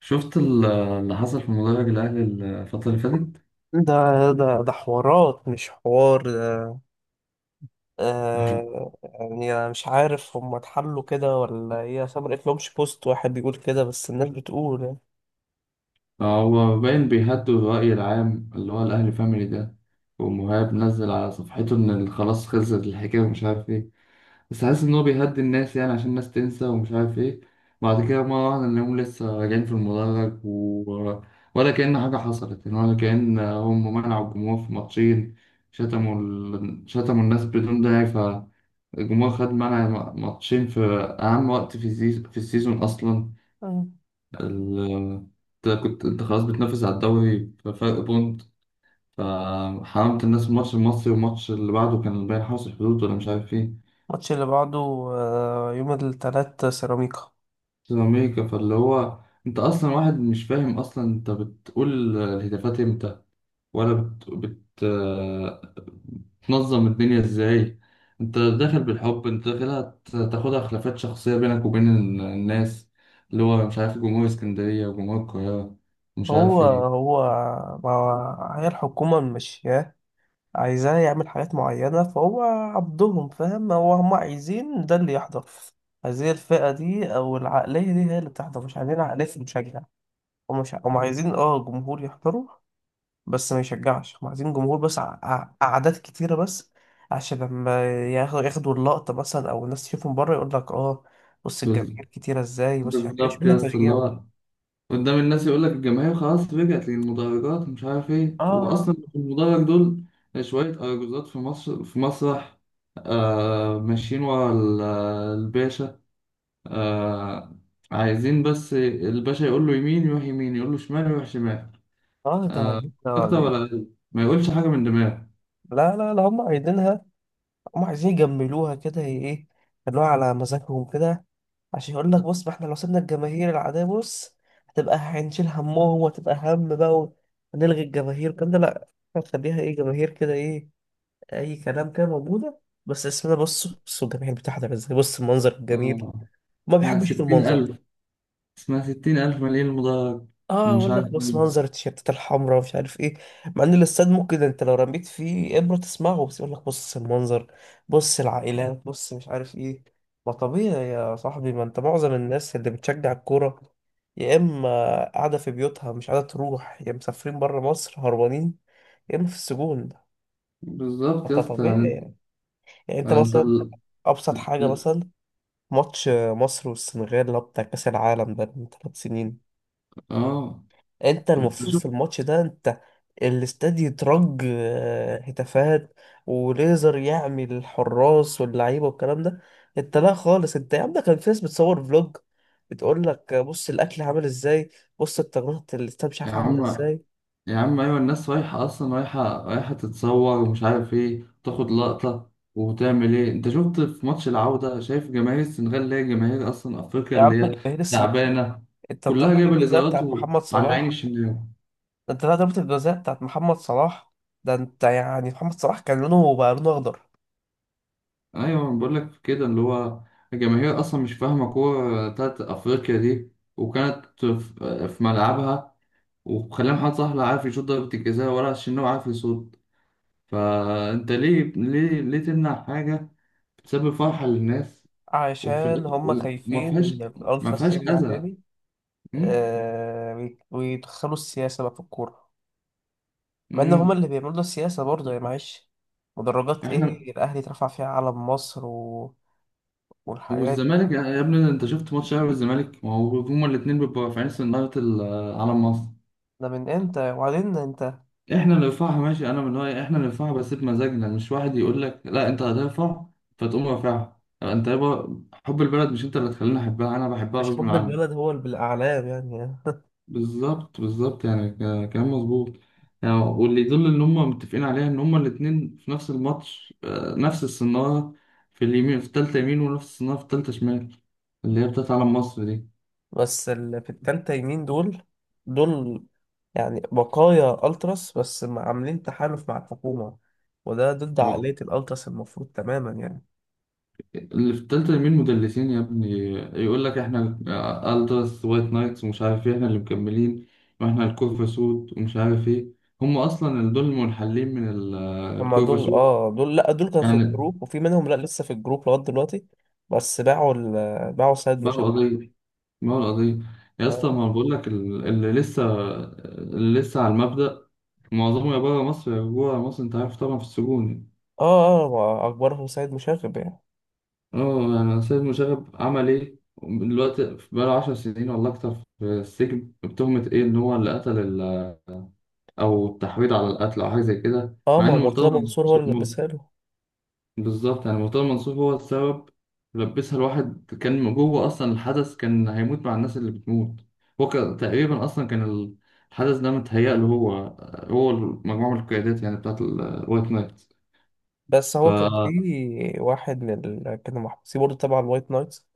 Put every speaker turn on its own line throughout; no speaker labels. شفت اللي حصل في مدرج الأهلي الفترة اللي فاتت؟
ده حوارات مش حوار ده.
هو
يعني انا مش عارف هم اتحلوا كده ولا ايه، اصل ما لقيتلهمش بوست واحد بيقول كده، بس الناس بتقول يعني.
هو باين بيهدوا الرأي العام اللي هو الأهلي فاميلي ده. ومهاب نزل على صفحته إن خلاص خلصت الحكاية ومش عارف إيه. بس حاسس إن هو بيهدي الناس يعني عشان الناس تنسى ومش عارف إيه. بعد كده مرة واحدة نلاقيهم لسه راجعين في المدرج ولا كأن حاجة حصلت يعني، ولا كأن هم منعوا الجمهور في ماتشين. شتموا الناس بدون داعي. الجمهور خد معانا ماتشين في أهم وقت في في السيزون أصلا.
مم.
ال- أنت خلاص بتنافس على الدوري بفرق بونت، فحرمت الناس الماتش المصري، والماتش اللي بعده كان باين حرس الحدود ولا مش عارف إيه.
الماتش اللي بعده آه، يوم التلات سيراميكا.
سوبر أمريكا، فاللي هو أنت أصلا واحد مش فاهم أصلا، أنت بتقول الهتافات إمتى، ولا بت... بت... تنظم الدنيا ازاي. انت داخل بالحب، انت داخلها تاخدها خلافات شخصية بينك وبين الناس، اللي هو مش عارف جمهور اسكندرية وجمهور القاهرة، مش
هو
عارف ايه.
هو ما هو هي الحكومة ماشياه، عايزاه يعمل حاجات معينة، فهو عبدهم فاهم. هو هم عايزين ده اللي يحضر، عايزين الفئة دي أو العقلية دي هي اللي بتحضر، مش عايزين عقلية المشجع. هم مش هم عايزين اه جمهور يحضروا بس ما يشجعش. هم عايزين جمهور بس، أعداد كتيرة بس، عشان لما ياخدوا اللقطة مثلا أو الناس تشوفهم بره، يقول لك اه بص
بز-
الجماهير كتيرة ازاي، بص مش عارف ايه، مش
بالظبط
مهم
يا اسطى، اللي
التشجيع
هو
ده.
قدام الناس يقول لك الجماهير خلاص رجعت للمدرجات مش عارف ايه. هو
اه
اصلا في المدرج دول شوية أرجوزات في مصر في مسرح. آه، ماشيين ورا الباشا. آه، عايزين بس الباشا يقول له يمين يروح يمين، يقول له شمال يروح شمال،
اه
آه، أكتر ولا
ده-
أقل، ما يقولش حاجة من دماغه.
لا هم عايزينها، هم عايزين يجملوها كده هي ايه، يخلوها على مزاجهم كده. عشان يقول لك بص، ما احنا لو سيبنا الجماهير العادية بص هتبقى هنشيل همهم، وهتبقى هم بقى، ونلغي الجماهير والكلام ده، لا. هتخليها ايه، جماهير كده ايه، اي كلام كده موجوده، بس اسمنا، بصوا الجماهير المتحده عامله ازاي، بص المنظر الجميل.
آه
ما
اسمها
بيحبش يشوف
ستين
المنظر.
ألف اسمها 60 ألف مليون مدرج.
اه
ومش
اقول
عارف
لك بص
مين.
منظر التيشيرتات الحمراء ومش عارف ايه، مع ان الاستاد ممكن انت لو رميت فيه ابره تسمعه، بس يقول لك بص المنظر، بص العائلات، بص مش عارف ايه. ما طبيعي يا صاحبي، ما انت معظم الناس اللي بتشجع الكوره يا اما قاعده في بيوتها مش قاعده تروح، يا مسافرين بره مصر هربانين، يا اما في السجون.
بالظبط
انت
يا اسطى
طبيعي
يعني
يعني. يعني انت
أنت
مثلا،
ال...
ابسط حاجه
ال-
مثلا، ماتش مصر والسنغال اللي هو بتاع كأس العالم ده من ثلاث سنين،
آه
انت
أنت
المفروض في
شوف.
الماتش ده انت الاستاد يترج هتافات وليزر، يعمل الحراس واللعيبه والكلام ده. انت لا خالص، انت يا عم ده كان في ناس بتصور فلوج، بتقول لك بص الاكل عامل ازاي، بص التجميع الاستاد مش
يا
عارف عامل
عم،
ازاي.
يا عم، أيوة الناس رايحة أصلا، رايحة رايحة تتصور ومش عارف إيه، تاخد لقطة وتعمل إيه. أنت شفت في ماتش العودة؟ شايف جماهير السنغال اللي هي جماهير أصلا أفريقيا،
يا عم
اللي هي
جماهير السنغال،
تعبانة،
انت
كلها
ضربة
جايبة
الجزاء
الإزارات،
بتاعت محمد
وعلى عين
صلاح،
الشناوي.
ده انت لا ضربة الجزاء بتاعت محمد صلاح، ده انت يعني محمد صلاح كان لونه بقى لونه اخضر.
ايوه انا بقول لك كده، اللي هو الجماهير اصلا مش فاهمه كوره بتاعت افريقيا دي، وكانت في ملعبها، وخلى محمد صلاح لا عارف يشوط ضربه الجزاء ولا عشان هو عارف يصوت. فانت ليه ليه ليه تمنع حاجه بتسبب فرحه للناس، وفي
عشان
الاخر
هم
وما
خايفين
فيهاش
إن
ما
الألتراس
فيهاش
يرجع
اذى.
تاني.
أمم،
آه ويدخلوا السياسة بقى في الكورة، مع إن هم
أمم.
اللي بيعملوا السياسة برضه، يا معلش. مدرجات
احنا
إيه الأهلي اترفع فيها علم مصر والحاجات
والزمالك،
دي.
يا ابني انت شفت ماتش الاهلي والزمالك؟ ما هو هما الاثنين بيبقوا رافعين سناره علم مصر.
ده من إمتى؟ وبعدين أنت
احنا اللي ندفعها ماشي، انا من رايي احنا اللي ندفعها بس بمزاجنا، مش واحد يقول لك لا انت هترفع فتقوم رافعها. يعني انت يابا حب البلد مش انت اللي تخليني احبها، انا بحبها
مش
غصب
حب
عني.
البلد هو اللي بالأعلام يعني.
بالظبط، بالظبط يعني، كلام مظبوط. يعني واللي يدل ان هم متفقين عليها ان هم الاتنين في نفس الماتش، نفس الصناره في اليمين في التالتة يمين، ونفس الصناره في التالتة شمال، اللي هي بتاعت علم مصر.
بس اللي في التالتة يمين دول، دول يعني بقايا ألتراس بس عاملين تحالف مع الحكومة، وده ضد
دي
عقلية الألتراس المفروض تماما يعني.
اللي في التالتة مين؟ مدلسين يا ابني. يقول لك احنا التراس وايت نايتس ومش عارف ايه، احنا اللي مكملين، واحنا الكورفا سود ومش عارف ايه. هم اصلا اللي دول المنحلين من
هما
الكورفا
دول
سود
اه، دول لا، دول كانوا في
يعني.
الجروب وفي منهم لا لسه في الجروب لغاية دلوقتي، بس باعوا سيد
باعوا
مشاغب.
قضية باعوا القضية. يا اسطى،
اه
ما بقول لك اللي لسه على المبدأ، معظمه يا بره مصر يا جوه مصر. انت عارف طبعا في السجون يعني.
اه اه، ما اكبرهم سيد مشاغب يعني.
اه يعني سيد مشرف عمل ايه دلوقتي؟ بقاله 10 سنين ولا اكتر في السجن بتهمة ايه؟ ان هو اللي قتل او التحويض على القتل او حاجه زي كده،
اه
مع
ما
ان
هو مرتضى
مرتضى
منصور هو
منصور
اللي لبسها له.
بالظبط. يعني مرتضى منصور هو السبب، لبسها. الواحد كان جوه اصلا، الحدث كان هيموت مع الناس اللي بتموت. هو كان تقريبا اصلا كان الحدث ده متهيأ له هو، هو مجموعه من القيادات يعني بتاعت الوايت نايت
بس
ف
هو كان كانوا محبوسين برضه تبع الوايت نايتس،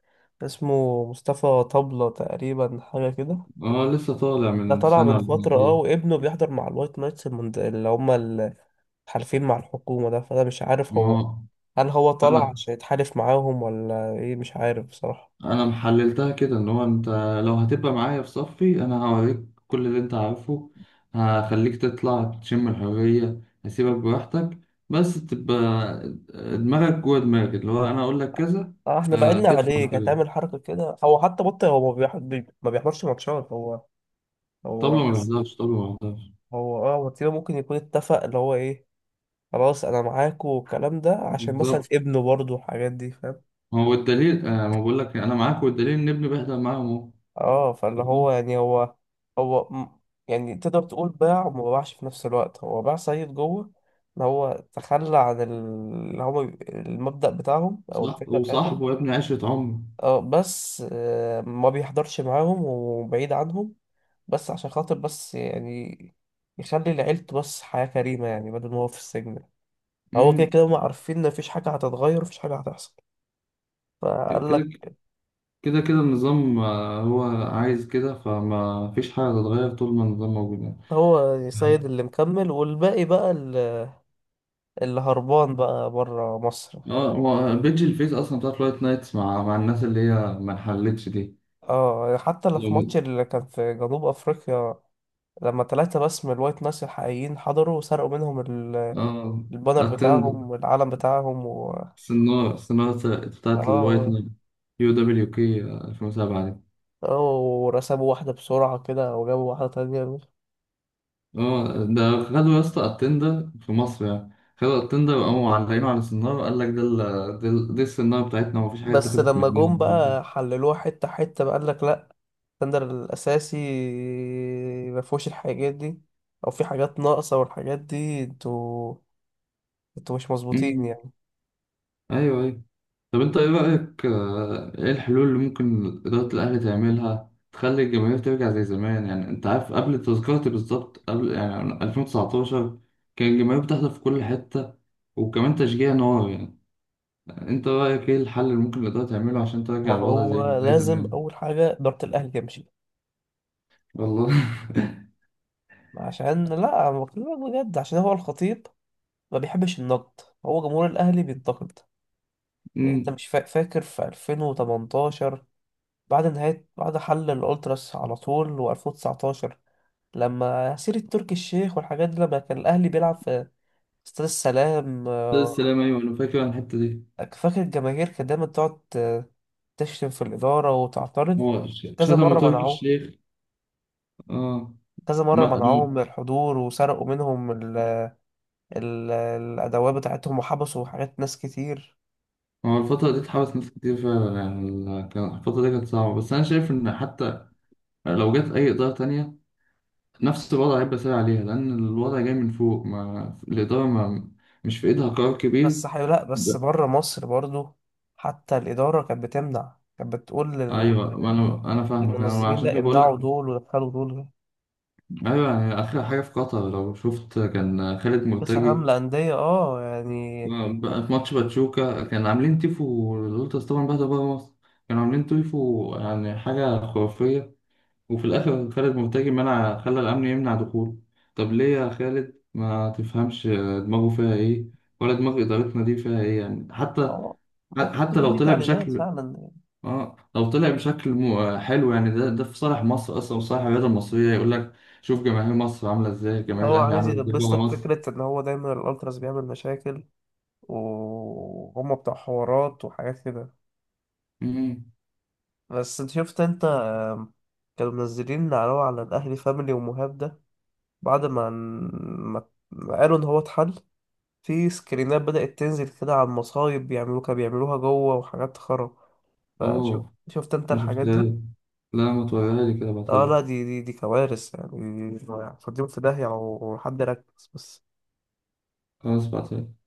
اسمه مصطفى طبلة تقريبا، حاجة كده.
اه، لسه طالع
ده
من
طلع
سنه
من
ولا
فترة
من
اه،
إيه.
وابنه بيحضر مع الوايت نايتس اللي هما الحالفين مع الحكومة ده. فأنا مش عارف هو،
ما
هل هو طلع
انا
عشان يتحالف معاهم ولا ايه، مش عارف بصراحة.
انا محللتها كده، ان هو انت لو هتبقى معايا في صفي انا هوريك كل اللي انت عارفه، هخليك تطلع تشم الحرية، هسيبك براحتك، بس تبقى دماغك جوه دماغي، اللي هو انا اقول لك كذا.
اه احنا بعدنا عليه،
تسمع
كانت
كلامي.
تعمل حركة كده. هو حتى بطل، هو ما بيحضرش ماتشات هو. هو
طبلة ما
بس
بيحضرش، طبلة ما بيحضرش.
هو اه، وكده ممكن يكون اتفق اللي هو ايه، خلاص انا معاكوا والكلام ده، عشان مثلا
بالظبط،
ابنه برضه والحاجات دي فاهم.
هو الدليل، ما بقول لك انا معاك، والدليل ان ابني بيحضر معاهم اهو.
اه فاللي هو يعني هو م- يعني تقدر تقول باع وما باعش في نفس الوقت. هو باع سيد جوه، اللي هو تخلى عن اللي هو المبدأ بتاعهم او
صح،
الفكرة بتاعتهم.
وصاحبه يا ابني عشرة عمر.
اه بس ما بيحضرش معاهم وبعيد عنهم، بس عشان خاطر بس يعني يخلي لعيلته بس حياة كريمة، يعني بدل ما هو في السجن. هو كده
امم
كده هما عارفين ان مفيش حاجة هتتغير، مفيش حاجة هتحصل، فقال لك.
كده كده كده النظام، هو عايز كده، فما فيش حاجة هتتغير طول ما النظام موجود يعني.
هو سيد
يعني-
اللي مكمل، والباقي بقى اللي هربان بقى بره مصر.
اه، هو بيج الفيس أصلا بتاعت لايت نايتس مع الناس اللي هي ما انحلتش دي.
اه حتى اللي
لو
في ماتش اللي كان في جنوب افريقيا، لما ثلاثة بس من الوايت ناس الحقيقيين حضروا وسرقوا منهم
اه
البانر
اتند
بتاعهم والعلم بتاعهم
سنارة، سنارة بتاعت الوايت
اه
نايت، يو دبليو كي 2007 دي.
اه، ورسموا واحدة بسرعة كده وجابوا واحدة تانية.
اه ده خدوا يا اسطى اتندر في مصر يعني، خدوا اتندر وقاموا معلقينه على السنارة، قال لك دي السنارة بتاعتنا ومفيش حاجة
بس
اتاخدت
لما
مننا.
جم بقى حللوها حتة حتة، بقى قالك لأ، الستاندر الأساسي مفهوش الحاجات دي، أو في حاجات ناقصة والحاجات دي، انتوا مش مظبوطين
مم.
يعني.
ايوه، ايوه. طب انت ايه رأيك، ايه الحلول اللي ممكن إدارة الأهلي تعملها تخلي الجماهير ترجع زي زمان؟ يعني انت عارف قبل تذكرتي بالظبط، قبل يعني 2019 كان الجماهير بتحضر في كل حتة، وكمان تشجيع نار يعني. انت رأيك ايه الحل اللي ممكن الإدارة تعمله عشان ترجع الوضع زي
هو
زي
لازم
زمان؟
أول حاجة إدارة الأهلي تمشي،
والله.
عشان لا أنا بكلمك بجد، عشان هو الخطيب ما بيحبش النقد، هو جمهور الأهلي بينتقد. يعني أنت
امم
مش فاكر في 2018 بعد نهاية، بعد حل الألتراس على طول، و2019 لما سيرة تركي الشيخ والحاجات دي، لما كان الأهلي بيلعب في استاد السلام
ده السلام، ايوه انا فاكر عن الحتة دي.
فاكر الجماهير كانت دايما تقعد تشتم في الإدارة وتعترض.
هو
كذا
شتموا
مرة
تركي
منعوه،
الشيخ. اه
كذا مرة
ما
منعوهم من الحضور، وسرقوا منهم الأدوات بتاعتهم، وحبسوا حاجات ناس كتير.
هو الفترة دي اتحبس ناس كتير فعلا يعني. كان الفترة دي كانت صعبة، بس أنا شايف إن حتى يعني لو جت أي إدارة تانية نفس الوضع هيبقى سهل عليها، لأن الوضع جاي من فوق. ما الإدارة ما مش في إيدها قرار كبير.
لا بس
ب-
بره مصر برضو حتى الإدارة كانت بتمنع، كانت بتقول
أيوة، ما أنا فاهمك، أنا
للمنظمين
عشان
لا
كده بقول
امنعوا
لك.
دول ودخلوا دول.
أيوة يعني آخر حاجة في قطر لو شفت كان خالد
كأس عالم
مرتجي،
للأندية اه يعني.
بقى في ماتش باتشوكا كان عاملين تيفو الولترز طبعا، بعد بره مصر كانوا عاملين تيفو يعني حاجة خرافية، وفي الآخر خالد مرتجي منع، خلى الأمن يمنع دخوله. طب ليه يا خالد ما تفهمش؟ دماغه فيها إيه؟ ولا دماغ إدارتنا دي فيها إيه يعني؟
اه ممكن
حتى
تكون
لو
دي
طلع
تعليمات
بشكل،
فعلا.
لو طلع بشكل حلو يعني، ده في صالح مصر أصلا وصالح الرياضة المصرية. يقول لك شوف جماهير مصر عاملة إزاي، جماهير
هو
الأهلي
عايز
عاملة إزاي بره
يلبسك
مصر.
فكرة إن هو دايما الألتراس بيعمل مشاكل، وهم بتوع حوارات وحاجات كده.
مم.
بس انت شفت انت كانوا منزلين على الأهلي فاميلي ومهاب ده، بعد ما قالوا إن هو اتحل. في سكرينات بدأت تنزل كده على المصايب بيعملوها، كانوا بيعملوها جوه وحاجات خرا. فشوف
أوه،
شفت أنت
ما
الحاجات
شفتهاش.
دي؟
لا، ما توريها لي كده، بعتها
اه
لي.
لا، دي كوارث يعني. دي- دي- فاضيين في داهية لو حد ركز بس.
خلاص بعتها لي.